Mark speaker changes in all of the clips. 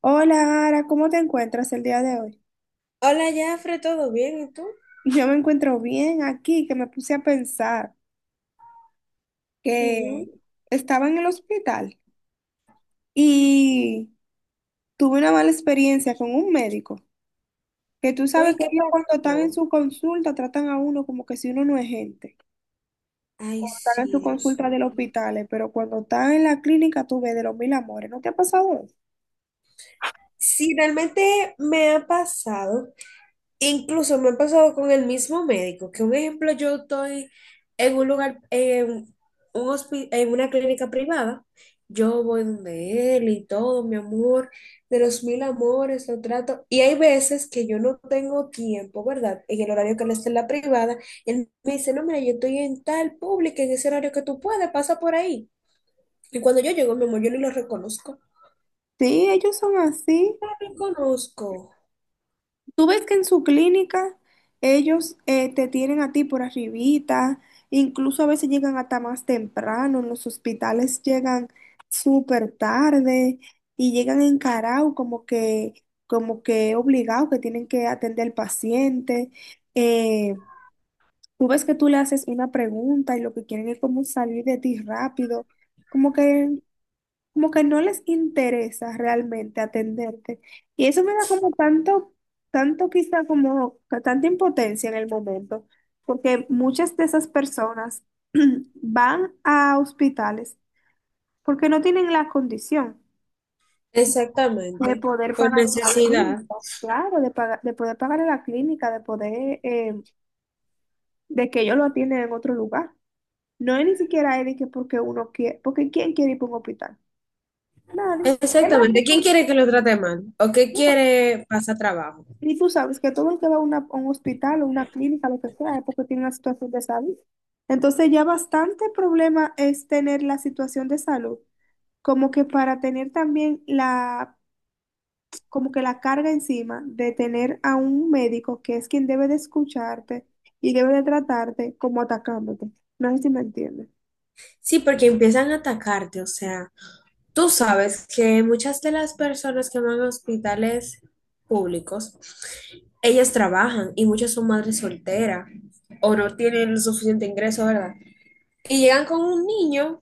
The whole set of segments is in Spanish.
Speaker 1: Hola, Ara, ¿cómo te encuentras el día de hoy?
Speaker 2: Hola, Jafre, ¿todo bien? ¿Y tú?
Speaker 1: Yo me encuentro bien aquí, que me puse a pensar que
Speaker 2: Ujú.
Speaker 1: estaba en el hospital y tuve una mala experiencia con un médico, que tú sabes
Speaker 2: Oye,
Speaker 1: que
Speaker 2: ¿qué
Speaker 1: ellos cuando están en
Speaker 2: pasó?
Speaker 1: su consulta tratan a uno como que si uno no es gente,
Speaker 2: Ay,
Speaker 1: cuando están en su
Speaker 2: sí, Dios
Speaker 1: consulta del
Speaker 2: mío.
Speaker 1: hospital, pero cuando están en la clínica tú ves de los mil amores. ¿No te ha pasado eso?
Speaker 2: Sí, realmente me ha pasado. Incluso me ha pasado con el mismo médico, que un ejemplo, yo estoy en un lugar, en, en una clínica privada, yo voy donde él y todo, mi amor, de los mil amores, lo trato, y hay veces que yo no tengo tiempo, ¿verdad? En el horario que él está en la privada, él me dice, no, mira, yo estoy en tal pública, en ese horario que tú puedes, pasa por ahí. Y cuando yo llego, mi amor, yo ni lo reconozco.
Speaker 1: Sí, ellos son así.
Speaker 2: No lo reconozco.
Speaker 1: Tú ves que en su clínica ellos, te tienen a ti por arribita, incluso a veces llegan hasta más temprano. En los hospitales llegan súper tarde y llegan encarados como que obligados que tienen que atender al paciente. Eh, Tú ves que tú le haces una pregunta y lo que quieren es como salir de ti rápido, como que como que no les interesa realmente atenderte. Y eso me da como tanto, tanto, quizá como que tanta impotencia en el momento, porque muchas de esas personas van a hospitales porque no tienen la condición de
Speaker 2: Exactamente,
Speaker 1: poder
Speaker 2: por
Speaker 1: pagar,
Speaker 2: necesidad.
Speaker 1: claro, de pagar, de poder pagar en la clínica, de poder, de que ellos lo atienden en otro lugar. No es ni siquiera es de que porque uno quiere, porque ¿quién quiere ir para un hospital? Nadie. Es
Speaker 2: Exactamente. ¿Quién quiere que lo trate mal? ¿O qué
Speaker 1: más,
Speaker 2: quiere pasar trabajo?
Speaker 1: y tú sabes que todo el que va a, a un hospital o una clínica, lo que sea, es porque tiene una situación de salud. Entonces ya bastante problema es tener la situación de salud, como que para tener también la, como que la carga encima de tener a un médico que es quien debe de escucharte y debe de tratarte como atacándote. No sé si me entiendes.
Speaker 2: Sí, porque empiezan a atacarte. O sea, tú sabes que muchas de las personas que van a hospitales públicos, ellas trabajan y muchas son madres solteras o no tienen el suficiente ingreso, ¿verdad? Y llegan con un niño.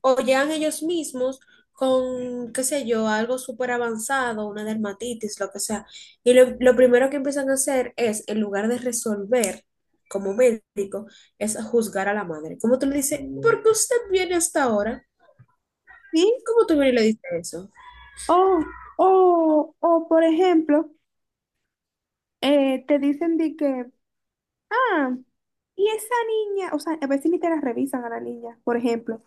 Speaker 2: O llegan ellos mismos con, qué sé yo, algo súper avanzado, una dermatitis, lo que sea. Y lo primero que empiezan a hacer es, en lugar de resolver como médico, es juzgar a la madre. Como tú le dices, ¿por qué usted viene hasta ahora?
Speaker 1: Sí,
Speaker 2: ¿Cómo tú vienes y le dices eso?
Speaker 1: o por ejemplo, te dicen de que, Ah, y esa niña, o sea, a veces ni te la revisan a la niña, por ejemplo.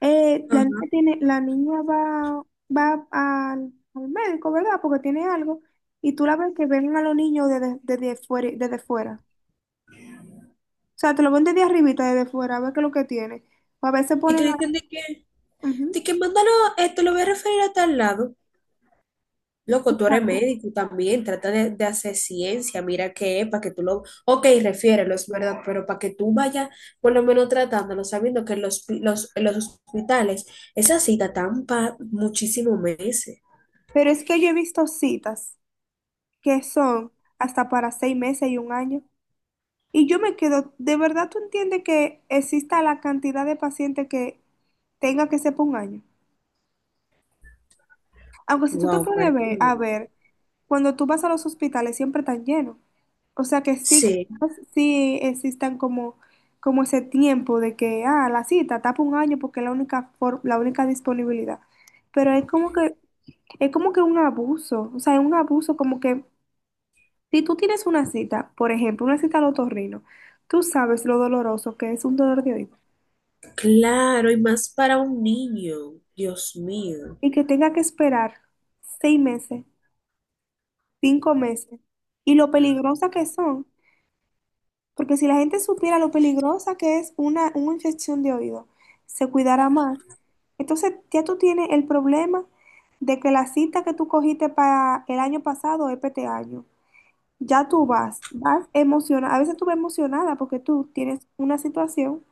Speaker 2: Ajá.
Speaker 1: La niña va, al médico, ¿verdad? Porque tiene algo. Y tú la ves, que ven a los niños desde fuera, desde fuera. O sea, te lo ven desde arribita, desde fuera, a ver qué es lo que tiene. O a veces
Speaker 2: Y te dicen
Speaker 1: Ujú,
Speaker 2: de que mándalo, te lo voy a referir a tal lado. Loco, tú eres
Speaker 1: exacto.
Speaker 2: médico también, trata de hacer ciencia, mira qué es, para que tú lo... Ok, refiérelo, es verdad, pero para que tú vayas por lo menos tratándolo, sabiendo que en los, los, en los hospitales esa cita tan para muchísimos meses.
Speaker 1: Pero es que yo he visto citas que son hasta para 6 meses y un año. Y yo me quedo, ¿de verdad tú entiendes que exista la cantidad de pacientes que tenga que ser por un año? Aunque si tú te
Speaker 2: Wow, para.
Speaker 1: puedes ver, a ver, cuando tú vas a los hospitales siempre están llenos. O sea que sí,
Speaker 2: Sí,
Speaker 1: sí existan como ese tiempo de que, ah, la cita tapa un año porque es la única, la única disponibilidad. Pero es como que un abuso, o sea, es un abuso como que si tú tienes una cita, por ejemplo, una cita al otorrino, tú sabes lo doloroso que es un dolor de oído
Speaker 2: claro, y más para un niño, Dios mío.
Speaker 1: y que tenga que esperar 6 meses. 5 meses. Y lo peligrosa que son. Porque si la gente supiera lo peligrosa que es una infección de oído, se cuidará más. Entonces ya tú tienes el problema de que la cita que tú cogiste para el año pasado es para este año. Ya tú vas emocionada. A veces tú vas emocionada porque tú tienes una situación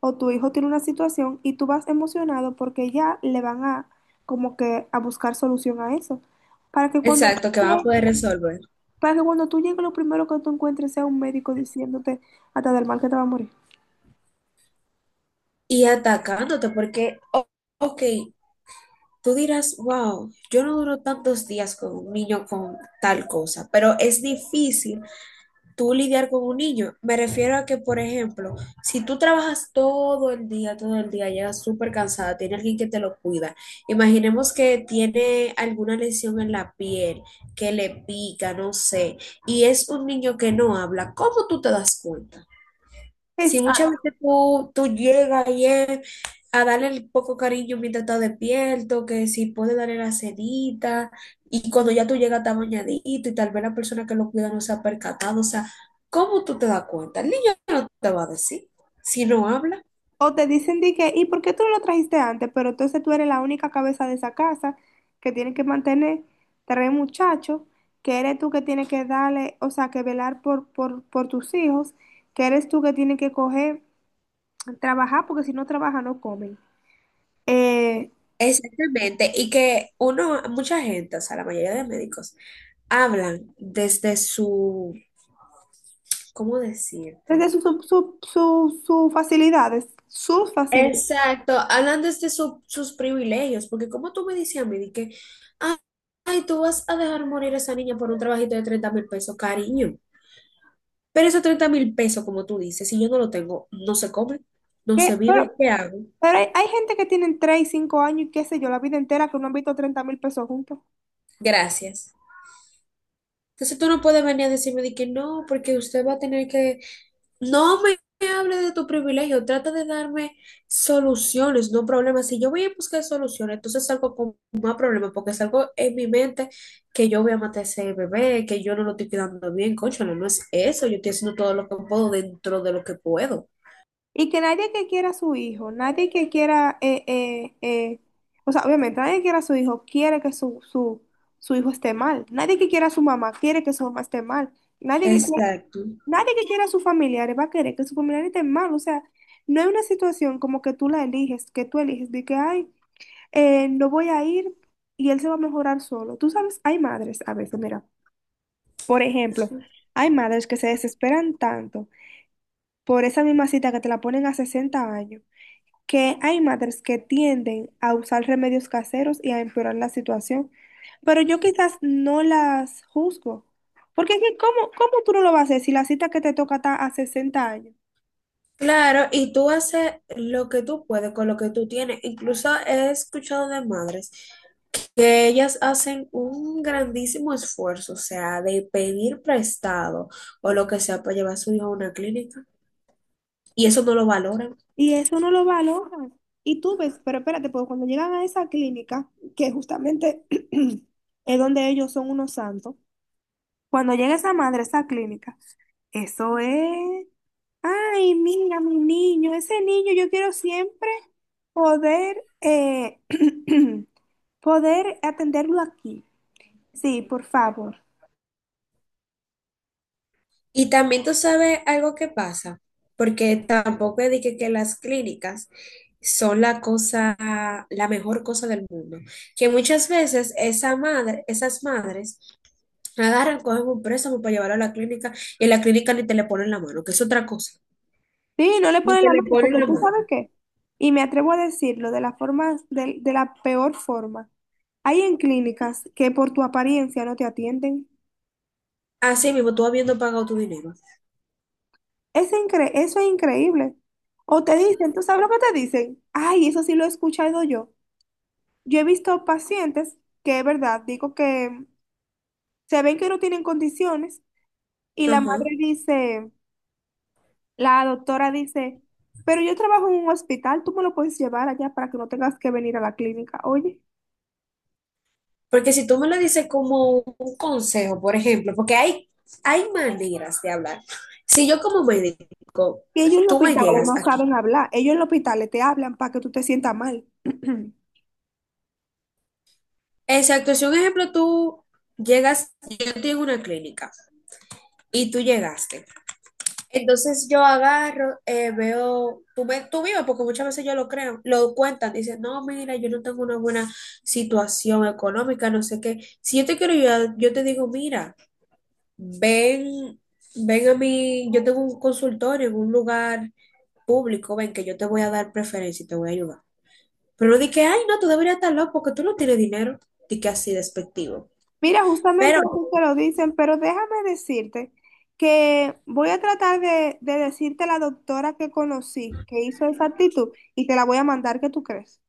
Speaker 1: o tu hijo tiene una situación, y tú vas emocionado porque ya le van a, como que, a buscar solución a eso. Para que cuando
Speaker 2: Exacto, que van a
Speaker 1: tú
Speaker 2: poder resolver.
Speaker 1: para que cuando tú llegues, lo primero que tú encuentres sea un médico diciéndote hasta del mal que te va a morir.
Speaker 2: Y atacándote, porque, ok, tú dirás, wow, yo no duro tantos días con un niño con tal cosa, pero es difícil tú lidiar con un niño. Me refiero a que, por ejemplo, si tú trabajas todo el día, llegas súper cansada, tiene alguien que te lo cuida. Imaginemos que tiene alguna lesión en la piel, que le pica, no sé, y es un niño que no habla, ¿cómo tú te das cuenta? Si muchas
Speaker 1: Exacto.
Speaker 2: veces tú llegas y es a darle el poco cariño mientras está despierto, que si puede darle la sedita, y cuando ya tú llegas está bañadito y tal vez la persona que lo cuida no se ha percatado, o sea, ¿cómo tú te das cuenta? El niño no te va a decir si no habla.
Speaker 1: O te dicen de que, ¿y por qué tú no lo trajiste antes? Pero entonces tú eres la única cabeza de esa casa que tiene que mantener tres muchachos, que eres tú que tienes que darle, o sea, que velar por tus hijos, que eres tú que tienes que coger, trabajar, porque si no trabaja no comen. Eh,
Speaker 2: Exactamente, y que uno, mucha gente, o sea, la mayoría de médicos, hablan desde su, ¿cómo decirte?
Speaker 1: Desde sus facilidades, sus facilidades.
Speaker 2: Exacto, hablan desde sus privilegios, porque como tú me decías a mí, de que, "Ah, ay, tú vas a dejar morir a esa niña por un trabajito de 30,000 pesos, cariño. Pero esos 30,000 pesos, como tú dices, si yo no lo tengo, no se come, no se
Speaker 1: Que, pero,
Speaker 2: vive, ¿qué hago?"
Speaker 1: Pero hay gente que tienen 3 5 años y qué sé yo, la vida entera que no han visto 30,000 pesos juntos.
Speaker 2: Gracias. Entonces tú no puedes venir a decirme de que no, porque usted va a tener que... No me hable de tu privilegio, trata de darme soluciones, no problemas. Si yo voy a buscar soluciones, entonces salgo con más problemas, porque salgo en mi mente que yo voy a matar a ese bebé, que yo no lo estoy cuidando bien, cónchale, no es eso, yo estoy haciendo todo lo que puedo dentro de lo que puedo.
Speaker 1: Y que nadie que quiera a su hijo, nadie que quiera, o sea, obviamente nadie que quiera a su hijo quiere que su hijo esté mal. Nadie que quiera a su mamá quiere que su mamá esté mal. Nadie que quiera,
Speaker 2: Exacto.
Speaker 1: nadie que quiera a sus familiares va a querer que sus familiares estén mal. O sea, no hay una situación como que tú la eliges, que tú eliges de que, ay, no voy a ir y él se va a mejorar solo. Tú sabes, hay madres a veces, mira, por ejemplo, hay madres que se desesperan tanto por esa misma cita que te la ponen a 60 años, que hay madres que tienden a usar remedios caseros y a empeorar la situación. Pero yo quizás no las juzgo, porque es que ¿cómo tú no lo vas a hacer si la cita que te toca está a 60 años.
Speaker 2: Claro, y tú haces lo que tú puedes con lo que tú tienes. Incluso he escuchado de madres que ellas hacen un grandísimo esfuerzo, o sea, de pedir prestado o lo que sea para llevar a su hijo a una clínica, y eso no lo valoran.
Speaker 1: Y eso no lo valoran. Y tú ves, pero espérate, porque cuando llegan a esa clínica, que justamente es donde ellos son unos santos, cuando llega esa madre a esa clínica, eso es, ay, mira, mi niño, ese niño, yo quiero siempre poder, eh, poder atenderlo aquí. Sí, por favor.
Speaker 2: Y también tú sabes algo que pasa, porque tampoco es de que las clínicas son la cosa, la mejor cosa del mundo, que muchas veces esa madre, esas madres agarran, cogen un préstamo para llevarlo a la clínica y en la clínica ni te le ponen la mano, que es otra cosa,
Speaker 1: Sí, no le
Speaker 2: ni
Speaker 1: ponen
Speaker 2: te
Speaker 1: la
Speaker 2: le
Speaker 1: mano,
Speaker 2: ponen
Speaker 1: porque
Speaker 2: la
Speaker 1: tú sabes
Speaker 2: mano.
Speaker 1: qué. Y me atrevo a decirlo de la forma, de la peor forma. Hay en clínicas que por tu apariencia no te atienden.
Speaker 2: Así mismo, tú habiendo pagado tu dinero.
Speaker 1: Eso es increíble. O te dicen, ¿tú sabes lo que te dicen? Ay, eso sí lo he escuchado yo. Yo he visto pacientes que, es verdad, digo que se ven que no tienen condiciones, y la madre
Speaker 2: Ajá.
Speaker 1: dice, la doctora dice, pero yo trabajo en un hospital, tú me lo puedes llevar allá para que no tengas que venir a la clínica. Oye,
Speaker 2: Porque si tú me lo dices como un consejo, por ejemplo, porque hay maneras de hablar. Si yo como médico,
Speaker 1: y ellos en los
Speaker 2: tú me
Speaker 1: hospitales
Speaker 2: llegas
Speaker 1: no
Speaker 2: aquí.
Speaker 1: saben hablar, ellos en los hospitales te hablan para que tú te sientas mal.
Speaker 2: Exacto, si un ejemplo tú llegas, yo estoy en una clínica y tú llegaste. Entonces yo agarro, veo, tú, me, tú vives, porque muchas veces yo lo creo, lo cuentan, dicen, no, mira, yo no tengo una buena situación económica, no sé qué. Si yo te quiero ayudar, yo te digo, mira, ven, ven a mí, yo tengo un consultorio en un lugar público, ven que yo te voy a dar preferencia y te voy a ayudar. Pero no di que ay, no, tú deberías estar loco porque tú no tienes dinero. Di que así despectivo.
Speaker 1: Mira, justamente
Speaker 2: Pero
Speaker 1: así te lo dicen, pero déjame decirte que voy a tratar de decirte la doctora que conocí, que hizo esa actitud, y te la voy a mandar. ¿Qué tú crees?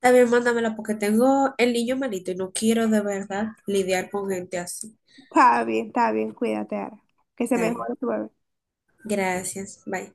Speaker 2: también mándamela porque tengo el niño malito y no quiero de verdad lidiar con gente así.
Speaker 1: Está bien, cuídate, Ara, que se
Speaker 2: Está bien.
Speaker 1: mejore tu bebé.
Speaker 2: Gracias. Bye.